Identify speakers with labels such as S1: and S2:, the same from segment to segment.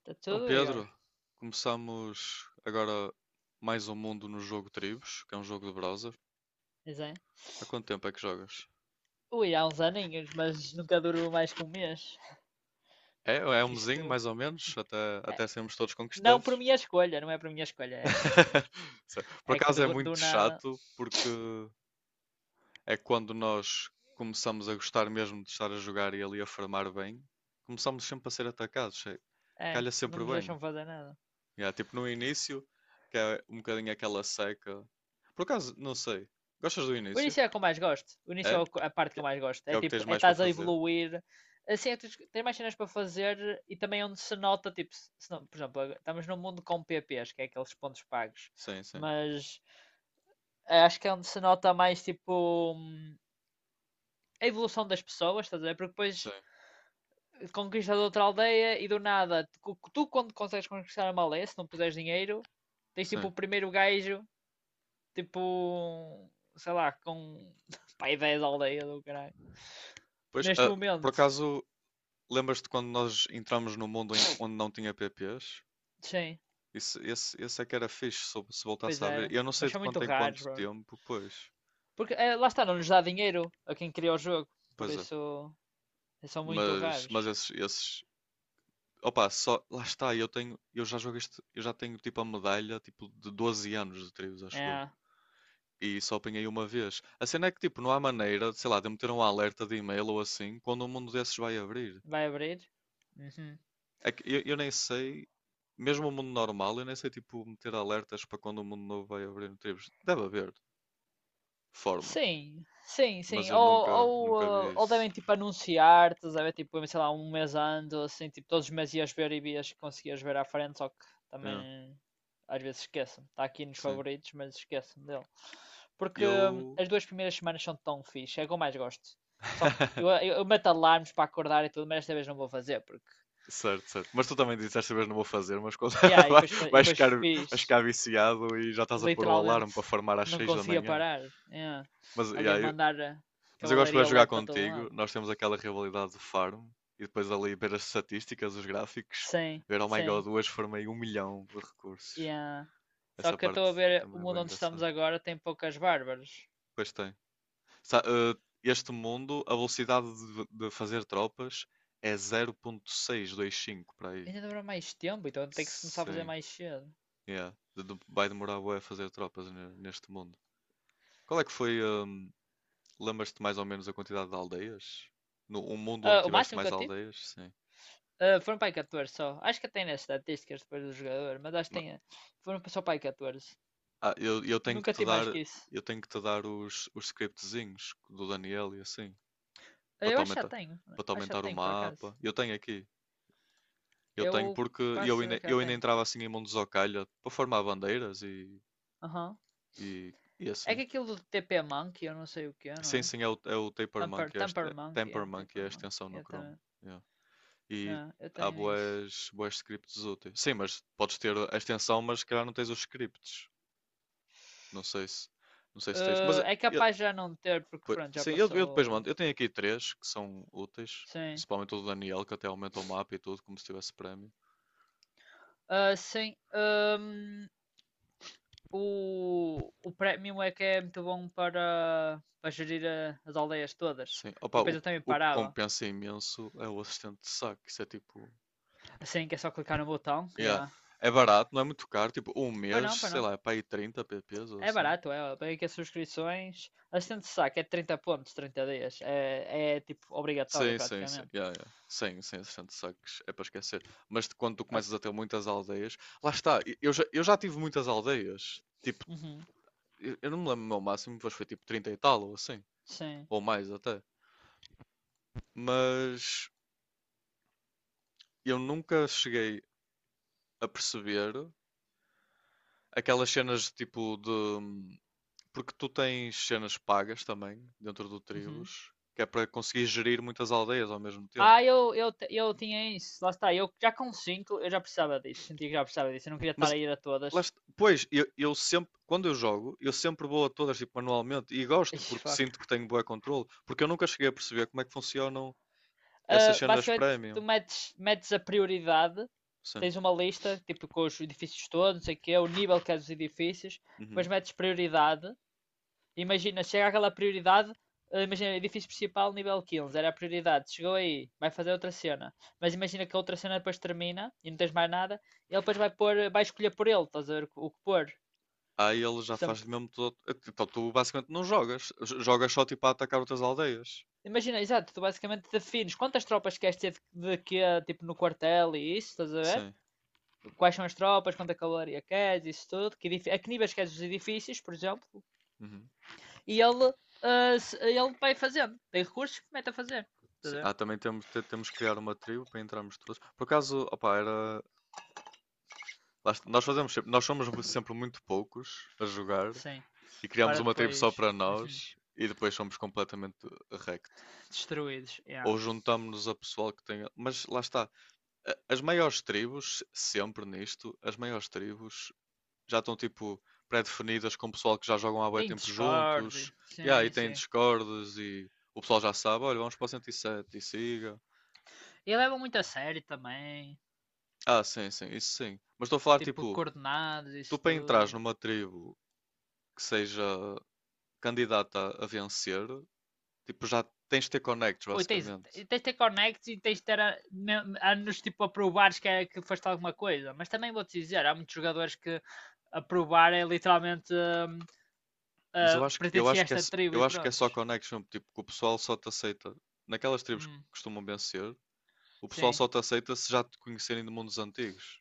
S1: Está
S2: Então,
S1: tudo, Igor?
S2: Pedro, começamos agora mais um mundo no jogo Tribos, que é um jogo de browser.
S1: Pois é.
S2: Há quanto tempo é que jogas?
S1: Ui, há uns aninhos, mas nunca durou mais que um mês.
S2: É, é um
S1: Que
S2: mesinho,
S1: isto.
S2: mais ou menos, até,
S1: é-
S2: até sermos todos
S1: Não por
S2: conquistados.
S1: minha escolha, não é por minha escolha. É,
S2: Por
S1: é que
S2: acaso é
S1: do
S2: muito
S1: nada.
S2: chato, porque é quando nós começamos a gostar mesmo de estar a jogar e ali a farmar bem, começamos sempre a ser atacados, sei.
S1: É,
S2: Calha
S1: não
S2: sempre
S1: nos
S2: bem.
S1: deixam fazer nada.
S2: E é, tipo no início, que é um bocadinho aquela seca. Por acaso, não sei. Gostas do
S1: O
S2: início?
S1: início é o que eu mais gosto. O início é
S2: É?
S1: a parte que
S2: Que,
S1: eu mais gosto.
S2: que é
S1: É
S2: o que
S1: tipo,
S2: tens
S1: é
S2: mais para
S1: estás a
S2: fazer?
S1: evoluir. Assim, é, tens mais cenas para fazer e também onde se nota, tipo, se não, por exemplo, agora estamos num mundo com PPs, que é aqueles pontos pagos.
S2: Sim, sim,
S1: Mas acho que é onde se nota mais, tipo, a evolução das pessoas, estás a ver? Porque
S2: sim,
S1: depois conquistas outra aldeia e do nada, tu quando consegues conquistar uma aldeia, se não puseres dinheiro, tens
S2: sim.
S1: tipo o primeiro gajo, tipo, sei lá, com pai 10 aldeias do caralho.
S2: Pois,
S1: Neste
S2: ah, por
S1: momento,
S2: acaso, lembras-te quando nós entramos no mundo onde não tinha PPs?
S1: sim,
S2: Isso, esse é que era fixe se voltasse
S1: pois
S2: a abrir.
S1: era.
S2: Eu não sei
S1: Mas
S2: de
S1: são muito
S2: quanto em
S1: raros,
S2: quanto
S1: Bruno.
S2: tempo, pois.
S1: Porque lá está, não nos dá dinheiro a quem cria o jogo. Por
S2: Pois é.
S1: isso, são muito
S2: Mas,
S1: raros.
S2: mas esses. Opa, só. Lá está, eu tenho. Eu já jogo este. Eu já tenho, tipo, a medalha, tipo, de 12 anos de trios, acho eu.
S1: É,
S2: E só apanhei uma vez. A cena é que, tipo, não há maneira, sei lá, de meter um alerta de e-mail ou assim, quando um mundo desses vai abrir.
S1: vai abrir? Uhum.
S2: É que eu nem sei, mesmo o mundo normal, eu nem sei tipo meter alertas para quando o mundo novo vai abrir no tribos. Deve haver forma,
S1: Sim, sim,
S2: mas
S1: sim.
S2: eu
S1: Ou,
S2: nunca vi
S1: ou
S2: isso.
S1: devem tipo anunciar, estás a ver? Tipo, sei lá, um mês antes, assim, tipo, todos os meses ias ver e vias que conseguias ver à frente, só que também
S2: É,
S1: às vezes esqueço-me. Está aqui nos
S2: sim.
S1: favoritos, mas esqueço-me dele. Porque
S2: Eu.
S1: as duas primeiras semanas são tão fixe, é o que eu mais gosto. Só que eu, eu, eu meto alarmes para acordar e tudo, mas esta vez não vou fazer, porque.
S2: Certo, certo. Mas tu também disseste desta vez não vou fazer, mas quando
S1: Yeah, e
S2: vai-
S1: depois, e
S2: vais
S1: depois
S2: ficar, vais
S1: fiz,
S2: ficar viciado e já estás a pôr o alarme
S1: literalmente,
S2: para farmar às
S1: não
S2: 6 da
S1: conseguia
S2: manhã.
S1: parar. Yeah.
S2: Mas,
S1: Ali a
S2: yeah, eu,
S1: mandar a
S2: mas eu gosto de
S1: cavalaria
S2: jogar
S1: leve para todo
S2: contigo.
S1: lado.
S2: Nós temos aquela rivalidade do farm e depois ali ver as estatísticas, os gráficos,
S1: Sim,
S2: ver, oh my
S1: sim.
S2: god, hoje farmei 1 milhão de recursos.
S1: Yeah. Só
S2: Essa
S1: que eu estou
S2: parte
S1: a ver o
S2: também é bem
S1: mundo onde estamos
S2: engraçada.
S1: agora tem poucas bárbaras.
S2: Pois tem. Sa- eh, Este mundo, a velocidade de, fazer tropas é 0.625 para aí.
S1: Ainda demora mais tempo, então tem que se começar a fazer
S2: Sim.
S1: mais cedo.
S2: Yeah. Vai demorar bué a fazer tropas neste mundo. Qual é que foi, lembras-te mais ou menos a quantidade de aldeias? No, um mundo onde
S1: Ah, o
S2: tiveste
S1: máximo que
S2: mais
S1: eu tive
S2: aldeias? Sim.
S1: foram para aí 14 só. Acho que até nas estatísticas depois do jogador, mas acho que
S2: Ma-
S1: tem, foram só para aí 14.
S2: Ah, eu tenho que
S1: Nunca
S2: te
S1: tive
S2: dar,
S1: mais que isso.
S2: eu tenho que te dar os scriptzinhos do Daniel e assim,
S1: Ah,
S2: para
S1: eu
S2: te
S1: acho que já
S2: aumentar,
S1: tenho.
S2: para te
S1: Acho que já
S2: aumentar o
S1: tenho, por acaso.
S2: mapa. Eu tenho aqui. Eu tenho
S1: Eu
S2: porque
S1: quase
S2: eu
S1: certeza
S2: ainda,
S1: que já
S2: eu ainda
S1: tenho.
S2: entrava assim em mundos ao calha para formar bandeiras e,
S1: Aham.
S2: e, e
S1: É
S2: assim.
S1: que aquilo do TP Monkey, eu não sei o que é, não
S2: Sim,
S1: é?
S2: sim, é o Taper
S1: Tamper,
S2: Monkey, é este,
S1: Tamper Monkey,
S2: Temper
S1: yeah,
S2: Monkey, é
S1: Tamper
S2: a
S1: Monkey.
S2: extensão no
S1: Eu
S2: Chrome.
S1: também.
S2: Yeah. E
S1: Ah, eu
S2: há
S1: tenho isso.
S2: boas, boas scripts úteis. Sim, mas podes ter a extensão, mas se calhar não tens os scripts. Não sei se, não sei se tens.
S1: Ah, é capaz já não ter, porque pronto, já
S2: Sim, eu depois
S1: passou.
S2: mando. Eu tenho aqui três que são úteis,
S1: Sim.
S2: principalmente o do Daniel, que até aumenta o mapa e tudo, como se tivesse prémio.
S1: Ah, sim. O Premium é que é muito bom para, para gerir as aldeias todas.
S2: Sim, opa,
S1: E depois
S2: o,
S1: eu também
S2: o que
S1: parava.
S2: compensa imenso é o assistente de saque. Isso é tipo.
S1: Assim que é só clicar no botão.
S2: Yeah.
S1: Yeah.
S2: É barato, não é muito caro. Tipo, um
S1: Pois
S2: mês,
S1: não, pois
S2: sei
S1: não.
S2: lá, é para aí 30 PPs ou
S1: É
S2: assim.
S1: barato, é. Bem que as subscrições. Assistente de saque é 30 pontos, 30 dias. É, é tipo obrigatório
S2: Sim, sim, sim.
S1: praticamente.
S2: Yeah, yeah. Sim, sem assistente de saques, é para esquecer. Mas de quando tu
S1: Ok.
S2: começas a ter muitas aldeias. Lá está, eu já tive muitas aldeias. Tipo,
S1: Uhum.
S2: eu não me lembro o meu máximo, mas foi tipo 30 e tal ou assim.
S1: Sim.
S2: Ou mais até. Mas eu nunca cheguei a perceber aquelas cenas tipo de. Porque tu tens cenas pagas também dentro do
S1: Uhum.
S2: Tribos, que é para conseguir gerir muitas aldeias ao mesmo tempo.
S1: Ah, eu tinha isso, lá está, eu já com 5. Eu já precisava disso, sentia que já precisava disso, eu não queria estar
S2: Mas,
S1: a ir a todas.
S2: pois, eu sempre, quando eu jogo, eu sempre vou a todas tipo, manualmente e gosto
S1: Ixi,
S2: porque
S1: fuck.
S2: sinto que tenho bom controle, porque eu nunca cheguei a perceber como é que funcionam essas
S1: Ah,
S2: cenas
S1: basicamente, tu
S2: premium.
S1: metes, metes a prioridade,
S2: Sim.
S1: tens uma lista, tipo com os edifícios todos, não sei o quê, o nível que é dos edifícios, depois
S2: Uhum.
S1: metes prioridade, imagina, chega àquela prioridade, ah, imagina, edifício principal, nível 15. Era a prioridade, chegou aí, vai fazer outra cena, mas imagina que a outra cena depois termina e não tens mais nada, ele depois vai pôr, vai escolher por ele, estás a ver o que pôr.
S2: Aí ele já
S1: Por
S2: faz mesmo todo. Então tu basicamente não jogas, jogas só tipo a atacar outras aldeias.
S1: Imagina, exato, tu basicamente defines quantas tropas queres ter de quê, tipo, no quartel e isso, estás a ver?
S2: Sim.
S1: Quais são as tropas, quanta caloria queres, isso tudo, que a que níveis queres os edifícios, por exemplo,
S2: Uhum.
S1: e ele, ele vai fazendo, tem recursos que mete a fazer, estás
S2: Sim.
S1: a ver?
S2: Ah, também temos, temos que criar uma tribo para entrarmos todos. Por acaso, opá, era. Nós fazemos sempre, nós somos sempre muito poucos a jogar
S1: Sim,
S2: e criamos
S1: para
S2: uma tribo só
S1: depois
S2: para
S1: uhum,
S2: nós e depois somos completamente wrecked.
S1: destruídos, yeah.
S2: Ou juntamos-nos a pessoal que tenha. Mas lá está. As maiores tribos, sempre nisto, as maiores tribos já estão tipo pré-definidas com o pessoal que já jogam há bué
S1: Tem
S2: tempo
S1: Discord,
S2: juntos. E aí
S1: sim,
S2: tem
S1: sim.
S2: discordes e o pessoal já sabe, olha, vamos para o 107 e siga.
S1: E levam muito a sério também,
S2: Ah, sim, sim, isso sim. Mas estou a falar
S1: tipo,
S2: tipo,
S1: coordenados,
S2: tu
S1: isso
S2: para entrares
S1: tudo.
S2: numa tribo que seja candidata a vencer, tipo, já tens de ter connects,
S1: Ui, tens,
S2: basicamente.
S1: tens de ter connects e tens de ter anos tipo a provares que, é, que foste alguma coisa. Mas também vou-te dizer, há muitos jogadores que a provar é literalmente
S2: Mas
S1: ah,
S2: eu acho, eu
S1: pertence a
S2: acho que é,
S1: esta
S2: s-
S1: tribo
S2: eu
S1: e
S2: acho que é
S1: pronto.
S2: só connection, tipo, que o pessoal só te aceita. Naquelas tribos que
S1: Hum,
S2: costumam vencer, o pessoal
S1: sim,
S2: só te aceita se já te conhecerem de mundos antigos.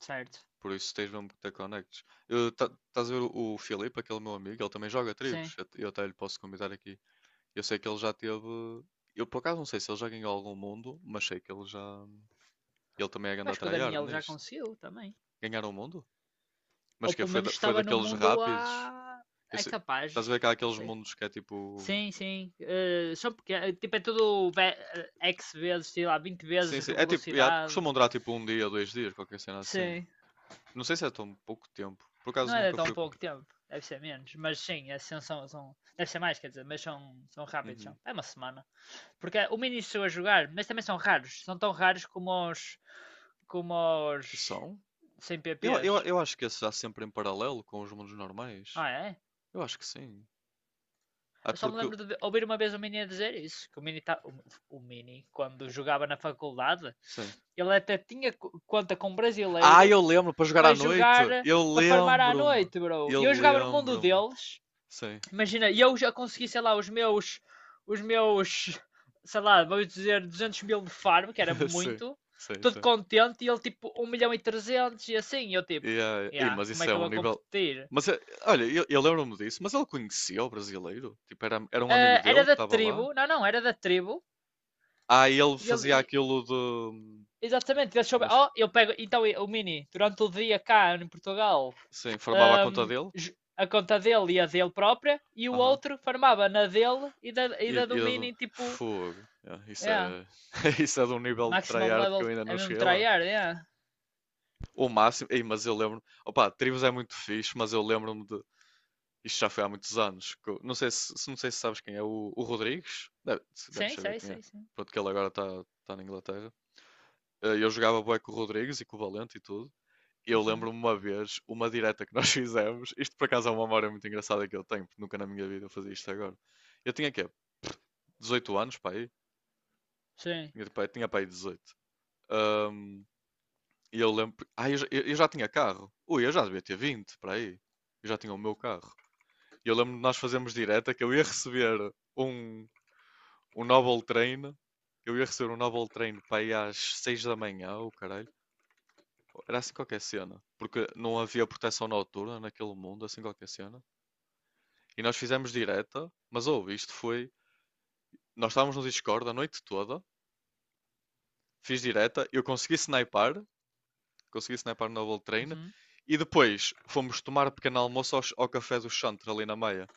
S1: certo.
S2: Por isso tens mesmo que ter connects. Estás a ver o Filipe, aquele meu amigo, ele também joga
S1: Sim.
S2: tribos. Eu até lhe posso convidar aqui. Eu sei que ele já teve. Eu por acaso não sei se ele já ganhou algum mundo, mas sei que ele já. Ele também é grande a
S1: Acho que o
S2: tryhard
S1: Daniel já
S2: nisto.
S1: conseguiu também.
S2: Ganhar um mundo? Mas
S1: Ou
S2: que
S1: pelo
S2: foi,
S1: menos
S2: foi
S1: estava no
S2: daqueles
S1: mundo
S2: rápidos.
S1: há.
S2: Eu
S1: É
S2: sei- estás a
S1: capaz.
S2: ver que aqueles
S1: Sei.
S2: mundos que é tipo.
S1: Sim, sim. São pequenos. Tipo, é tudo X vezes, sei lá, 20 vezes
S2: Sim,
S1: a
S2: sim. É tipo. Yeah,
S1: velocidade.
S2: costumam durar tipo um dia, dois dias, qualquer cena assim.
S1: Sim.
S2: Não sei se é tão pouco tempo. Por
S1: Não
S2: acaso
S1: é de
S2: nunca
S1: tão
S2: fui.
S1: pouco tempo, deve ser menos, mas sim, assim são, são deve ser mais, quer dizer, mas são, são rápidos,
S2: Uhum.
S1: são. É uma semana. Porque o Mini chegou a jogar, mas também são raros, são tão raros como os. Como os.
S2: São?
S1: Sem
S2: Eu, eu,
S1: PPs.
S2: eu acho que esse está sempre em paralelo com os mundos normais.
S1: Ah, é?
S2: Eu acho que sim. Ah,
S1: Eu só me
S2: porque.
S1: lembro de ouvir uma vez o Mini a dizer isso, que o Mini, tá, o Mini quando jogava na faculdade,
S2: Sim.
S1: ele até tinha conta com um
S2: Ah,
S1: brasileiro
S2: eu lembro para jogar
S1: para
S2: à noite!
S1: jogar,
S2: Eu
S1: para farmar à
S2: lembro-me!
S1: noite, bro. E
S2: Eu
S1: eu jogava no mundo
S2: lembro-me!
S1: deles,
S2: Sim.
S1: imagina, e eu já consegui, sei lá, os meus, sei lá, vamos dizer 200 mil no farm, que era
S2: Sim,
S1: muito,
S2: sim,
S1: todo
S2: sim.
S1: contente, e ele tipo um milhão e 300 e assim, eu tipo,
S2: Yeah. Ei,
S1: yeah,
S2: mas
S1: como
S2: isso
S1: é
S2: é
S1: que eu
S2: um
S1: vou
S2: nível.
S1: competir?
S2: Mas é- Olha, eu lembro-me disso, mas ele conhecia o brasileiro? Tipo, era um amigo
S1: Ah, era
S2: dele que
S1: da
S2: estava lá?
S1: tribo, não, não, era da tribo,
S2: Ah, e ele
S1: e ele,
S2: fazia
S1: e-
S2: aquilo de.
S1: exatamente, ele soube,
S2: Mas,
S1: oh, eu pego, então o Mini, durante o dia cá em Portugal,
S2: sim, formava a conta
S1: ahm,
S2: dele?
S1: a conta dele e a dele própria, e o
S2: Aham.
S1: outro farmava na dele e
S2: E,
S1: da do
S2: e do.
S1: Mini, tipo,
S2: Fogo. Yeah,
S1: é,
S2: isso
S1: yeah.
S2: é. Isso é de um nível de
S1: Maximum
S2: tryhard que
S1: level
S2: eu ainda
S1: é
S2: não
S1: mesmo
S2: cheguei lá.
S1: tryhard, yeah.
S2: O máximo. Ei, mas eu lembro. Opa, Tribos é muito fixe, mas eu lembro-me de. Isto já foi há muitos anos. Não sei se sabes quem é o Rodrigues. Deve, se- Deves
S1: Sim,
S2: saber
S1: sei,
S2: quem é.
S1: sei, sim.
S2: Pronto, que ele agora está na Inglaterra. Eu jogava bué com o Rodrigues e com o Valente e tudo. Eu
S1: Uhum,
S2: lembro-me uma vez, uma direta que nós fizemos. Isto por acaso é uma memória muito engraçada que eu tenho, porque nunca na minha vida eu fazia isto agora. Eu tinha quê? 18 anos, pá aí?
S1: sim.
S2: Tinha pá aí 18. Ahm, e eu lembro. Ah, já tinha carro. Ui, eu já devia ter 20, para aí. Eu já tinha o meu carro. E eu lembro de nós fazermos direta que eu ia receber um, um Noble Train. Eu ia receber um Noble Train para aí às 6 da manhã, o caralho. Era assim qualquer cena, porque não havia proteção noturna naquele mundo, assim qualquer cena. E nós fizemos direta, mas ouve, isto foi. Nós estávamos no Discord a noite toda, fiz direta, eu consegui snipar, no Double Train,
S1: Uhum.
S2: e depois fomos tomar pequeno almoço ao, café do Chantre ali na meia,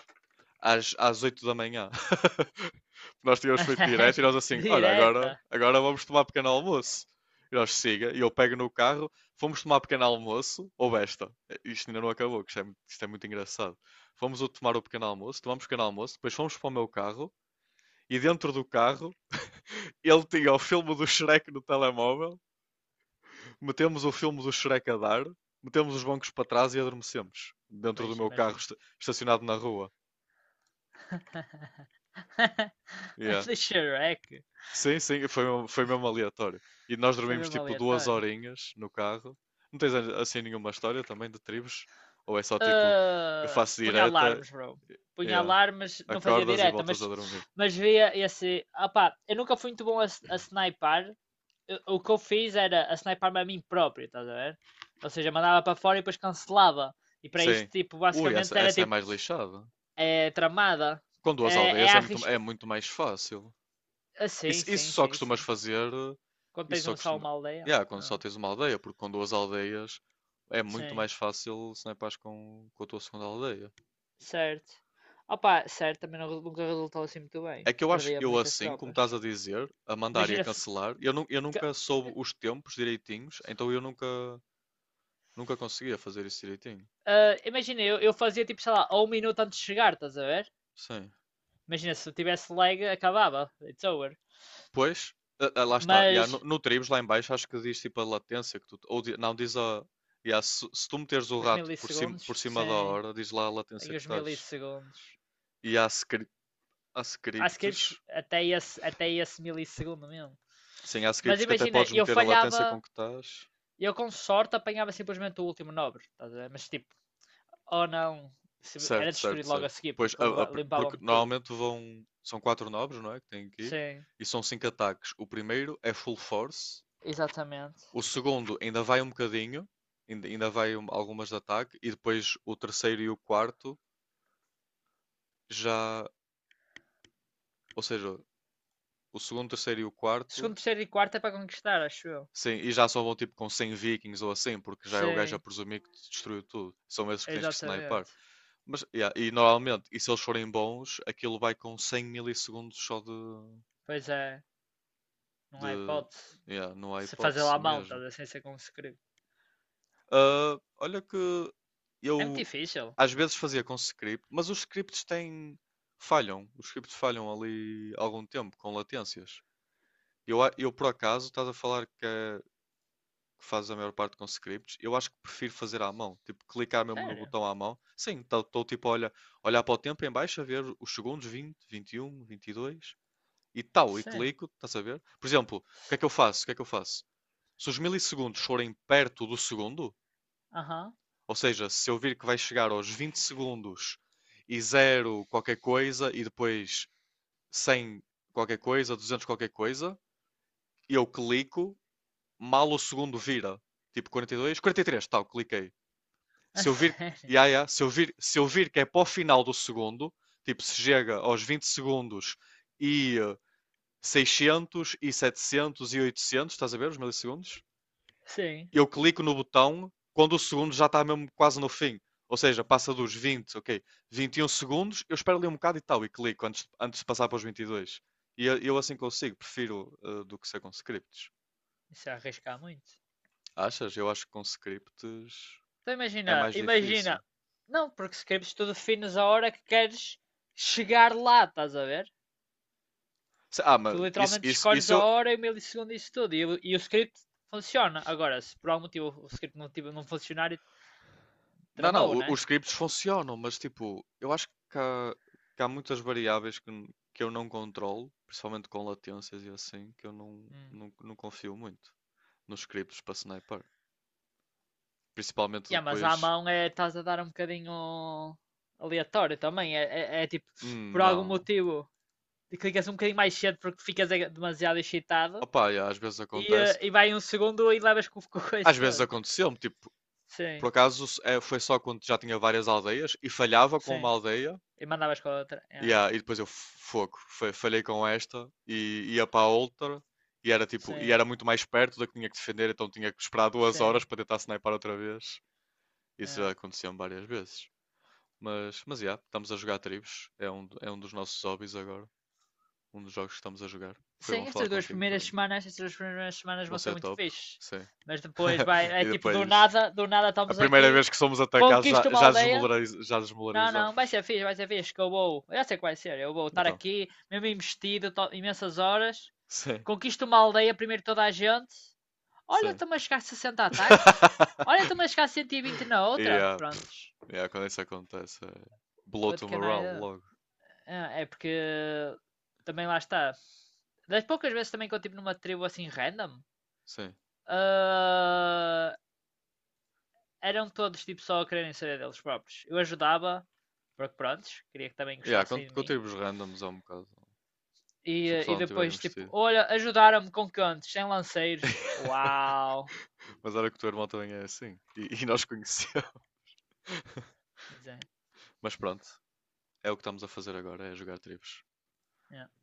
S2: às 8 da manhã. Nós tínhamos feito direto e nós assim, olha, agora,
S1: Direta.
S2: vamos tomar pequeno almoço. E nós siga, e eu pego no carro, fomos tomar pequeno almoço, ou esta, isto ainda não acabou, que isto é, isto é muito engraçado. Fomos tomar o pequeno almoço, tomamos o pequeno almoço, depois fomos para o meu carro, e dentro do carro ele tinha o filme do Shrek no telemóvel, metemos o filme do Shrek a dar, metemos os bancos para trás e adormecemos. Dentro do
S1: Pois,
S2: meu carro
S1: imagino.
S2: estacionado na rua. Yeah.
S1: Do Shrek.
S2: Sim, sim, foi, foi mesmo aleatório. E nós
S1: Isso é
S2: dormimos
S1: mesmo
S2: tipo duas
S1: aleatório.
S2: horinhas no carro. Não tens assim nenhuma história também de tribos? Ou é só tipo, eu
S1: Ah,
S2: faço
S1: punha
S2: direta,
S1: alarmes, bro. Punha
S2: yeah,
S1: alarmes, não fazia
S2: acordas e
S1: direta,
S2: voltas a dormir?
S1: mas via esse. Opá, eu nunca fui muito bom a sniper. O que eu fiz era a sniper-me a mim próprio, estás a ver? Ou seja, mandava para fora e depois cancelava. E para isso,
S2: Sim.
S1: tipo,
S2: Ui, essa,
S1: basicamente era
S2: essa é
S1: tipo,
S2: mais lixada.
S1: é tramada.
S2: Com duas
S1: É, é
S2: aldeias é
S1: arrisca.
S2: muito mais fácil.
S1: Ah, sim,
S2: Isso
S1: sim,
S2: só
S1: sim,
S2: costumas
S1: sim.
S2: fazer.
S1: Quando
S2: Isso
S1: tens
S2: só
S1: um só
S2: costuma.
S1: uma aldeia.
S2: Yeah, quando só
S1: Ah.
S2: tens uma aldeia, porque com duas aldeias é muito
S1: Sim,
S2: mais fácil se não é com a tua segunda aldeia.
S1: certo. Opa, certo, também não, nunca resultou assim muito bem.
S2: É que eu acho
S1: Perdia
S2: eu
S1: muitas
S2: assim, como
S1: tropas.
S2: estás a dizer, a mandar e
S1: Imagina.
S2: a cancelar, eu, nu eu
S1: Que-
S2: nunca soube os tempos direitinhos, então eu nunca conseguia fazer isso direitinho.
S1: imagina, eu fazia tipo, sei lá, a um minuto antes de chegar, estás a ver?
S2: Sim.
S1: Imagina, se eu tivesse lag, acabava. It's over.
S2: Pois, ah, lá está. Yeah, no,
S1: Mas,
S2: no Tribes, lá em baixo, acho que diz tipo a latência que tu, não, diz a. Yeah, se tu meteres o
S1: os
S2: rato por
S1: milissegundos,
S2: cima da
S1: sim,
S2: hora, diz lá a latência
S1: tem
S2: que
S1: os
S2: estás.
S1: milissegundos.
S2: E há, há
S1: Há scripts
S2: scripts,
S1: até esse milissegundo mesmo.
S2: sim, há
S1: Mas
S2: scripts que até
S1: imagina,
S2: podes
S1: eu
S2: meter a latência com
S1: falhava.
S2: que estás.
S1: Eu com sorte apanhava simplesmente o último nobre, estás a ver? Mas tipo, ou não, era
S2: Certo, certo,
S1: destruído logo a
S2: certo.
S1: seguir
S2: Pois,
S1: porque
S2: porque
S1: limpavam-me tudo.
S2: normalmente vão. São 4 nobres, não é? Que têm que ir.
S1: Sim,
S2: E são 5 ataques. O primeiro é full force.
S1: exatamente.
S2: O segundo ainda vai um bocadinho. Ainda vai algumas de ataque. E depois o terceiro e o quarto já. Ou seja, o segundo, terceiro e o
S1: Segundo,
S2: quarto.
S1: terceiro e quarto é para conquistar, acho eu.
S2: Sim, e já só vão tipo com 100 vikings ou assim, porque já é o gajo a
S1: Sim,
S2: presumir que te destruiu tudo. São esses que tens que sniper.
S1: exatamente.
S2: Mas, yeah, e normalmente, e se eles forem bons, aquilo vai com 100 milissegundos só
S1: Pois é, não há
S2: de,
S1: hipótese.
S2: yeah, não há
S1: Se fazer
S2: hipótese
S1: lá à mão, estás
S2: mesmo.
S1: a ver? Sem ser com
S2: Ah, olha que
S1: é muito
S2: eu
S1: difícil.
S2: às vezes fazia com script, mas os scripts têm, falham. Os scripts falham ali algum tempo, com latências. Eu por acaso, estás a falar que, que fazes a maior parte com scripts, eu acho que prefiro fazer à mão. Tipo, clicar mesmo no
S1: Sério?
S2: botão à mão. Sim, estou tipo a olha, olhar para o tempo em baixo, a ver os segundos 20, 21, 22 e dois, e tal, e
S1: Sim.
S2: clico, estás a ver? Por exemplo, o que é
S1: S-
S2: que eu faço? O que é que eu faço? Se os milissegundos forem perto do segundo,
S1: Aham. Uhum.
S2: ou seja, se eu vir que vai chegar aos 20 segundos e zero qualquer coisa e depois 100 qualquer coisa, 200 qualquer coisa, eu clico, mal o segundo vira, tipo 42, 43, tal, cliquei.
S1: A
S2: Se eu vir,
S1: sério?
S2: yeah, se eu vir, se eu vir que é para o final do segundo, tipo se chega aos 20 segundos e 600 e 700 e 800, estás a ver os milissegundos?
S1: Sim.
S2: Eu clico no botão quando o segundo já está mesmo quase no fim. Ou seja, passa dos 20, ok, 21 segundos, eu espero ali um bocado e tal, e clico antes, de passar para os 22. E dois. E eu assim consigo, prefiro do que ser com scripts.
S1: Isso é arriscar muito.
S2: Achas? Eu acho que com scripts
S1: Então
S2: é
S1: imagina,
S2: mais
S1: imagina.
S2: difícil.
S1: Não, porque escreves tudo finos a hora que queres chegar lá, estás a ver?
S2: Se- Ah,
S1: Tu
S2: mas isso,
S1: literalmente
S2: isso,
S1: escolhes
S2: isso
S1: a
S2: eu.
S1: hora e o milissegundo e isso tudo. E, e o script funciona. Agora, se por algum motivo o script não funcionar,
S2: Não, não,
S1: tramou, né?
S2: os scripts funcionam, mas tipo, eu acho que há muitas variáveis que, que eu não controlo, principalmente com latências e assim, que eu não,
S1: Hum.
S2: não confio muito nos scripts para sniper. Principalmente
S1: Yeah, mas à
S2: depois.
S1: mão é, estás a dar um bocadinho aleatório também. É, é tipo, por algum
S2: Não.
S1: motivo, clicas um bocadinho mais cedo porque ficas demasiado excitado
S2: Opa, yeah, às vezes
S1: e,
S2: acontece.
S1: e vai um segundo e levas com, com o coisa
S2: Às vezes
S1: toda.
S2: aconteceu-me, tipo, por
S1: Sim,
S2: acaso foi só quando já tinha várias aldeias e falhava com uma
S1: sim.
S2: aldeia.
S1: E mandavas com a outra. Yeah.
S2: Yeah, e depois eu fogo, falhei com esta e ia para a outra e era tipo, e
S1: Sim,
S2: era muito mais perto da que tinha que defender, então tinha que esperar 2 horas
S1: sim.
S2: para tentar snipar outra vez. Isso já
S1: Yeah.
S2: aconteceu várias vezes. Mas yeah, estamos a jogar tribos. É é um dos nossos hobbies agora. Um dos jogos que estamos a jogar. Foi bom
S1: Sim,
S2: falar
S1: estas duas
S2: contigo,
S1: primeiras
S2: Pedrinho.
S1: semanas, estas duas primeiras semanas vão
S2: Você
S1: ser
S2: é
S1: muito
S2: top.
S1: fixes.
S2: Sim.
S1: Mas depois vai, é
S2: E
S1: tipo
S2: depois,
S1: do nada
S2: a
S1: estamos
S2: primeira
S1: aqui,
S2: vez que somos atacados,
S1: conquista uma aldeia.
S2: já
S1: Não, não,
S2: desmolarizamos.
S1: vai ser fixe, que eu vou, eu já sei que vai ser, eu vou estar
S2: Então,
S1: aqui, mesmo investido, imensas horas,
S2: sim,
S1: conquisto uma aldeia, primeiro toda a gente. Olha,
S2: sim.
S1: estamos a chegar a 60 ataques. Olha, estamos a chegar a 120 na
S2: E
S1: outra.
S2: ah, pff,
S1: Prontos.
S2: yeah, quando isso acontece, é blow
S1: What
S2: to
S1: can I
S2: morale
S1: do?
S2: logo.
S1: Ah, é porque também lá está. Das poucas vezes também que eu estive numa tribo assim random,
S2: Sim.
S1: ah, eram todos tipo só a quererem saber deles próprios. Eu ajudava, porque prontos, queria que também
S2: Yeah,
S1: gostassem de
S2: com
S1: mim.
S2: tiros randoms é um bocado.
S1: E,
S2: Se o
S1: e
S2: pessoal não tiver
S1: depois tipo,
S2: investido.
S1: olha, ajudaram-me com cantos, sem lanceiros. Uau!
S2: Mas era que o teu irmão também é assim. E nós conhecemos.
S1: Pois é,
S2: Mas pronto, é o que estamos a fazer agora, é jogar tribos.
S1: é.